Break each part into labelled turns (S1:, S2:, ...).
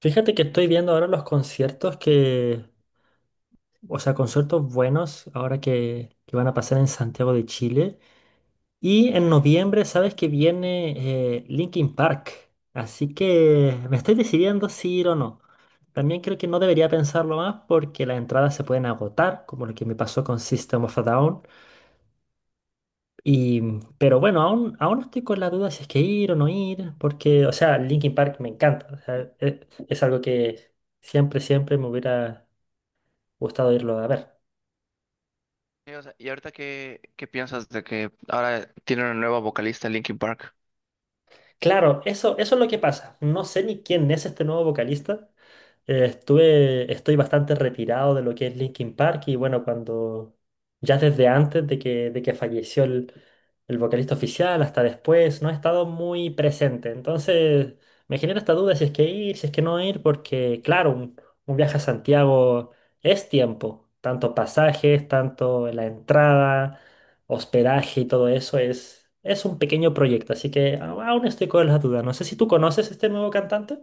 S1: Fíjate que
S2: Y no
S1: estoy
S2: sé.
S1: viendo ahora los conciertos, conciertos buenos ahora que van a pasar en Santiago de Chile. Y en
S2: Sí.
S1: noviembre, sabes que viene Linkin Park. Así que me estoy decidiendo si ir o no. También creo que no debería pensarlo más porque las entradas se pueden agotar, como lo que me pasó con System of a Down. Y, pero bueno, aún estoy con la duda si es que ir o no ir, porque, o sea, Linkin Park me encanta. O sea, es algo que siempre me hubiera gustado irlo a ver.
S2: Sí, o sea, ¿y ahorita qué piensas de que ahora tiene una nueva vocalista Linkin Park?
S1: Claro, eso es lo que pasa. No sé ni quién es este nuevo vocalista. Estoy bastante retirado de lo que es Linkin Park y bueno, cuando ya desde antes de que falleció el vocalista oficial hasta después, no he estado muy presente. Entonces me genera esta duda si es que ir, si es que no ir, porque claro, un viaje a Santiago es tiempo, tanto pasajes, tanto la entrada, hospedaje y todo eso es un pequeño proyecto, así que aún estoy con las dudas. No sé si tú conoces este nuevo cantante.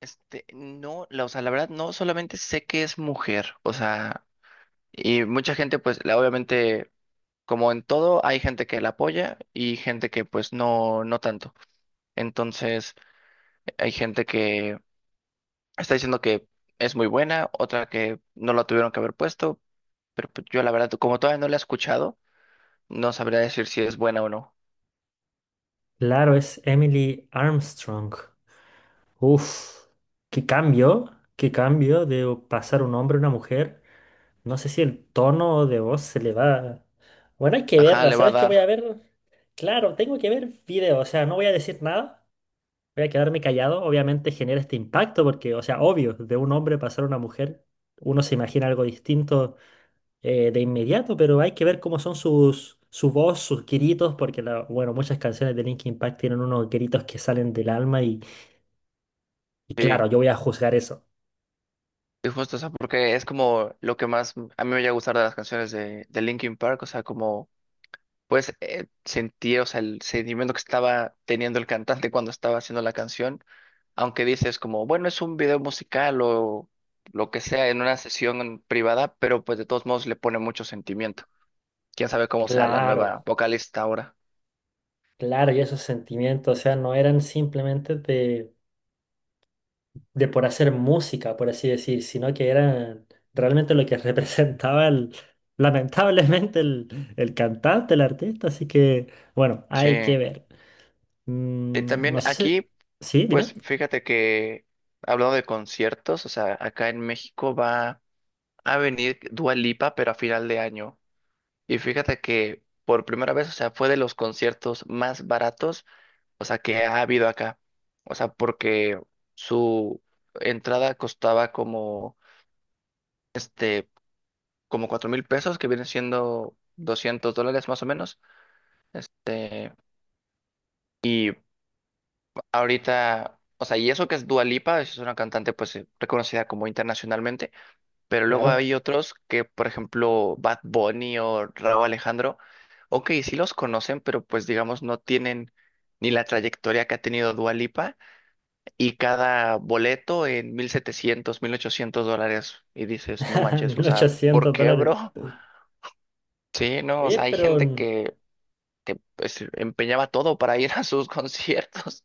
S2: Este, no, la, o sea, la verdad no solamente sé que es mujer, o sea, y mucha gente pues obviamente como en todo hay gente que la apoya y gente que pues no no tanto. Entonces, hay gente que está diciendo que es muy buena, otra que no la tuvieron que haber puesto, pero pues, yo la verdad como todavía no la he escuchado, no sabría decir si es buena o no.
S1: Claro, es Emily Armstrong. Uf, qué cambio, qué cambio de pasar un hombre a una mujer. No sé si el tono de voz se le va. Bueno, hay que
S2: Ajá,
S1: verla.
S2: le va a
S1: ¿Sabes qué voy a
S2: dar.
S1: ver? Claro, tengo que ver video, o sea, no voy a decir nada, voy a quedarme callado. Obviamente genera este impacto porque, o sea, obvio, de un hombre pasar a una mujer, uno se imagina algo distinto de inmediato, pero hay que ver cómo son su voz, sus gritos, porque bueno, muchas canciones de Linkin Park tienen unos gritos que salen del alma, y claro,
S2: Sí.
S1: yo voy a juzgar eso.
S2: Y justo, o sea, porque es como lo que más a mí me llega a gustar de las canciones de Linkin Park, o sea, como pues sentir, o sea, el sentimiento que estaba teniendo el cantante cuando estaba haciendo la canción, aunque dices como, bueno, es un video musical o lo que sea en una sesión privada, pero pues de todos modos le pone mucho sentimiento. Quién sabe cómo sea la
S1: Claro,
S2: nueva vocalista ahora.
S1: claro, y esos sentimientos, o sea, no eran simplemente de por hacer música, por así decir, sino que eran realmente lo que representaba lamentablemente el cantante, el artista, así que bueno,
S2: Sí.
S1: hay que ver. No
S2: También
S1: sé si...
S2: aquí,
S1: Sí, dime.
S2: pues fíjate que hablando de conciertos, o sea, acá en México va a venir Dua Lipa, pero a final de año. Y fíjate que por primera vez, o sea, fue de los conciertos más baratos, o sea, que ha habido acá. O sea, porque su entrada costaba como 4,000 pesos, que vienen siendo $200 más o menos. Este, ahorita, o sea, y eso que es Dua Lipa, es una cantante pues reconocida como internacionalmente. Pero luego hay
S1: Claro,
S2: otros que, por ejemplo, Bad Bunny o Rauw Alejandro, ok, sí los conocen, pero pues digamos no tienen ni la trayectoria que ha tenido Dua Lipa y cada boleto en 1,700 $1,800 y dices, no manches, o
S1: mil
S2: sea, ¿por
S1: ochocientos
S2: qué,
S1: dólares.
S2: bro? Sí, no, o
S1: Oye,
S2: sea, hay
S1: pero,
S2: gente que pues empeñaba todo para ir a sus conciertos,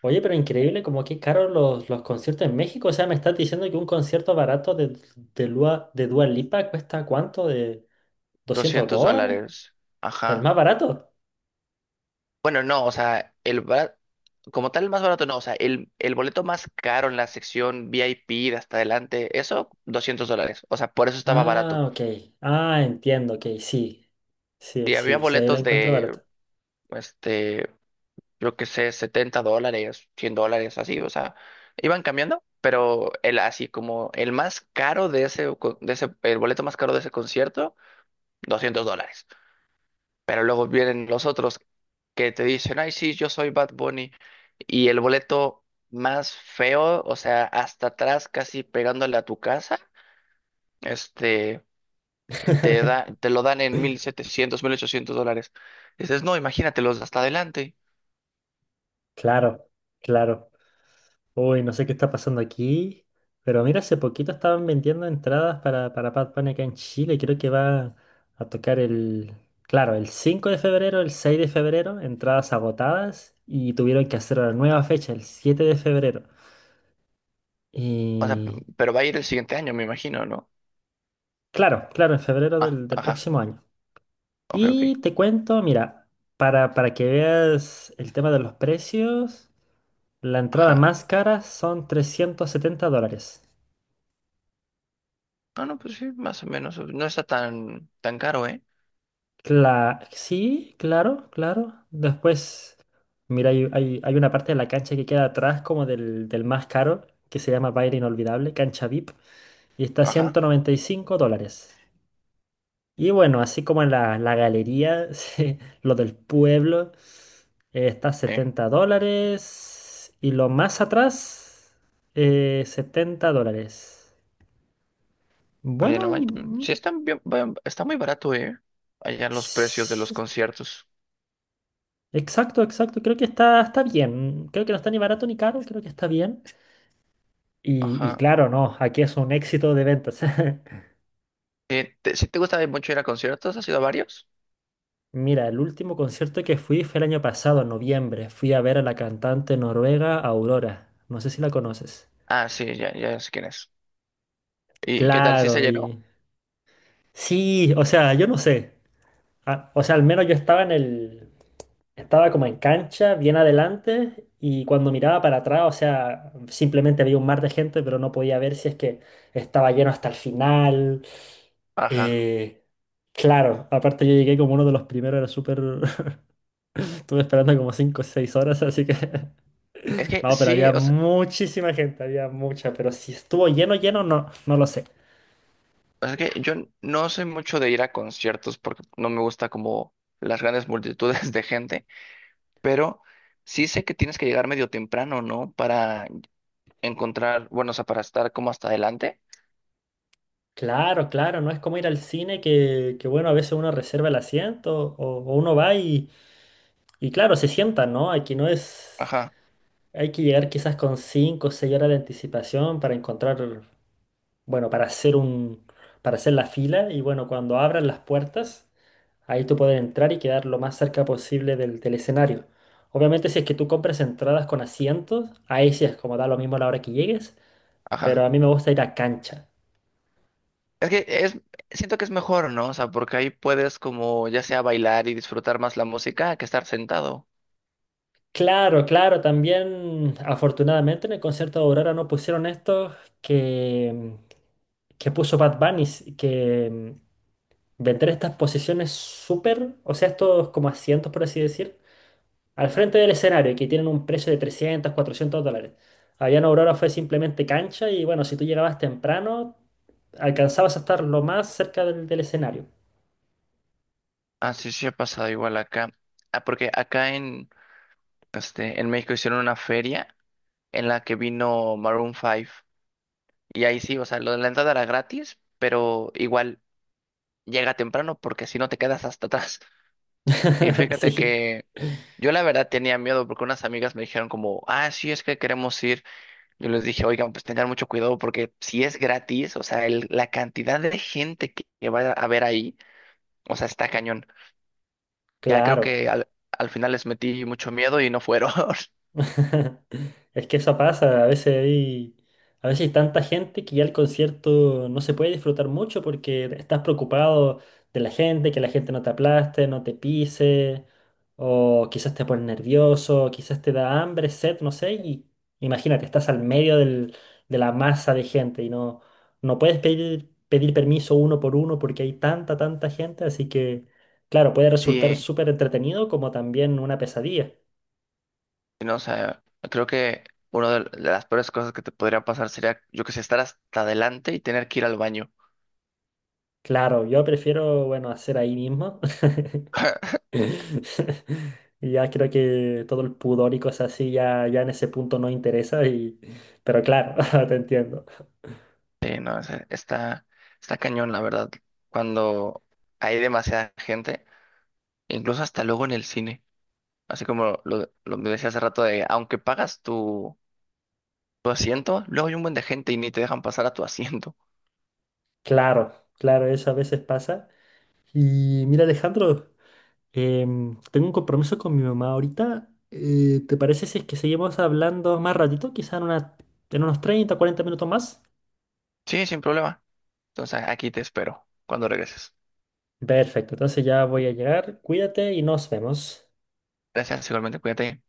S1: oye, pero increíble como que caros los conciertos en México. O sea, me estás diciendo que un concierto barato de Dua Lipa cuesta ¿cuánto? ¿De doscientos
S2: 200
S1: dólares?
S2: dólares,
S1: ¿El
S2: ajá.
S1: más barato?
S2: Bueno, no, o sea, el como tal el más barato no, o sea, el boleto más caro en la sección VIP de hasta adelante, eso, $200, o sea, por eso estaba
S1: Ah,
S2: barato.
S1: ok. Ah, entiendo, ok, sí. Sí,
S2: Y había
S1: sí, sí, ahí lo
S2: boletos
S1: encuentro
S2: de,
S1: barato.
S2: este, yo qué sé, $70, $100, así, o sea, iban cambiando, pero el así como el más caro de ese, de ese, el boleto más caro de ese concierto, $200. Pero luego vienen los otros que te dicen, ay, sí, yo soy Bad Bunny. Y el boleto más feo, o sea, hasta atrás, casi pegándole a tu casa, este, te da, te lo dan en 1,700 mil ochocientos dólares. Dices, no, imagínatelos hasta adelante.
S1: Claro, claro. Uy, no sé qué está pasando aquí, pero mira, hace poquito estaban vendiendo entradas para Bad Bunny acá en Chile. Creo que va a tocar claro, el 5 de febrero, el 6 de febrero, entradas agotadas y tuvieron que hacer una nueva fecha, el 7 de febrero.
S2: O sea,
S1: Y
S2: pero va a ir el siguiente año, me imagino, ¿no?
S1: claro, claro, en febrero
S2: Ah,
S1: del
S2: ajá,
S1: próximo año.
S2: ok, ok,
S1: Y te cuento, mira, para que veas el tema de los precios, la entrada
S2: ajá.
S1: más cara son $370.
S2: Ah, no, pues sí, más o menos, no está tan, tan caro, ¿eh?
S1: Sí, claro, claro. Después, mira, hay una parte de la cancha que queda atrás como del más caro, que se llama Baile Inolvidable, cancha VIP, y está a
S2: Ajá,
S1: $195. Y bueno, así como en la galería, sí, lo del pueblo, está a
S2: sí.
S1: $70, y lo más atrás, $70.
S2: Oye, no
S1: Bueno,
S2: manches, sí están bien, está muy barato, ¿eh? Allá los precios de los conciertos.
S1: exacto, exacto. Creo que está bien. Creo que no está ni barato ni caro, creo que está bien. Y
S2: Ajá.
S1: claro, no, aquí es un éxito de ventas.
S2: ¿Sí te gusta mucho ir a conciertos? ¿Has ido a varios?
S1: Mira, el último concierto que fui fue el año pasado, en noviembre. Fui a ver a la cantante noruega Aurora. No sé si la conoces.
S2: Ah, sí, ya, ya sé quién es. ¿Y qué tal? ¿Sí se
S1: Claro,
S2: llenó?
S1: y... sí, o sea, yo no sé. Ah, o sea, al menos yo estaba en el... estaba como en cancha, bien adelante, y cuando miraba para atrás, o sea, simplemente había un mar de gente, pero no podía ver si es que estaba lleno hasta el final.
S2: Ajá.
S1: Eh, claro, aparte yo llegué como uno de los primeros, era súper... Estuve esperando como cinco o 6 horas, así que...
S2: Es que
S1: No, pero
S2: sí,
S1: había
S2: o sea,
S1: muchísima gente, había mucha, pero si estuvo lleno, lleno, no, no lo sé.
S2: es que yo no soy mucho de ir a conciertos porque no me gusta como las grandes multitudes de gente, pero sí sé que tienes que llegar medio temprano, ¿no? Para encontrar, bueno, o sea, para estar como hasta adelante.
S1: Claro, claro, no es como ir al cine que bueno, a veces uno reserva el asiento o uno va. Y claro, se sientan, ¿no? Aquí no es...
S2: Ajá,
S1: hay que llegar quizás con 5 o 6 horas de anticipación para encontrar, bueno, para hacer la fila y bueno, cuando abran las puertas, ahí tú puedes entrar y quedar lo más cerca posible del escenario. Obviamente si es que tú compras entradas con asientos, ahí sí es como da lo mismo a la hora que llegues, pero
S2: ajá.
S1: a mí me gusta ir a cancha.
S2: Es que es, siento que es mejor, ¿no? O sea, porque ahí puedes como ya sea bailar y disfrutar más la música que estar sentado.
S1: Claro, claro, también afortunadamente en el concierto de Aurora no pusieron esto que, que puso Bad Bunny, que vender estas posiciones súper, o sea, estos como asientos, por así decir, al
S2: ¿No?
S1: frente del escenario, que tienen un precio de $300 $400. Allá en Aurora fue simplemente cancha y bueno, si tú llegabas temprano, alcanzabas a estar lo más cerca del escenario.
S2: Ah, sí, sí ha pasado igual acá. Ah, porque acá en, este, en México hicieron una feria en la que vino Maroon 5. Y ahí sí, o sea, lo de la entrada era gratis, pero igual llega temprano porque si no te quedas hasta atrás. Y fíjate
S1: Sí,
S2: que yo la verdad tenía miedo porque unas amigas me dijeron como, ah, sí, es que queremos ir. Yo les dije, oigan, pues tengan mucho cuidado porque si es gratis, o sea, la cantidad de gente que va a ver ahí, o sea, está cañón. Ya creo
S1: claro.
S2: que al final les metí mucho miedo y no fueron.
S1: Es que eso pasa, a veces hay tanta gente que ya el concierto no se puede disfrutar mucho porque estás preocupado de la gente, que la gente no te aplaste, no te pise, o quizás te pones nervioso, quizás te da hambre, sed, no sé, y imagínate, estás al medio de la masa de gente y no, no puedes pedir permiso uno por uno porque hay tanta gente, así que, claro, puede resultar
S2: Sí,
S1: súper entretenido como también una pesadilla.
S2: no, o sea, creo que una de las peores cosas que te podría pasar sería, yo que sé, estar hasta adelante y tener que ir al baño.
S1: Claro, yo prefiero, bueno, hacer ahí mismo. Y ya creo que todo el pudor y cosas así ya, ya en ese punto no interesa y... pero claro, te entiendo.
S2: Sí, no, o sea, está cañón, la verdad, cuando hay demasiada gente, incluso hasta luego en el cine. Así como lo me decía hace rato de, aunque pagas tu tu asiento, luego hay un buen de gente y ni te dejan pasar a tu asiento.
S1: Claro, claro, eso a veces pasa. Y mira, Alejandro, tengo un compromiso con mi mamá ahorita. ¿Te parece si es que seguimos hablando más ratito? Quizá en una, en unos 30 o 40 minutos más.
S2: Sí, sin problema. Entonces aquí te espero cuando regreses.
S1: Perfecto, entonces ya voy a llegar. Cuídate y nos vemos.
S2: Gracias, igualmente, cuídate.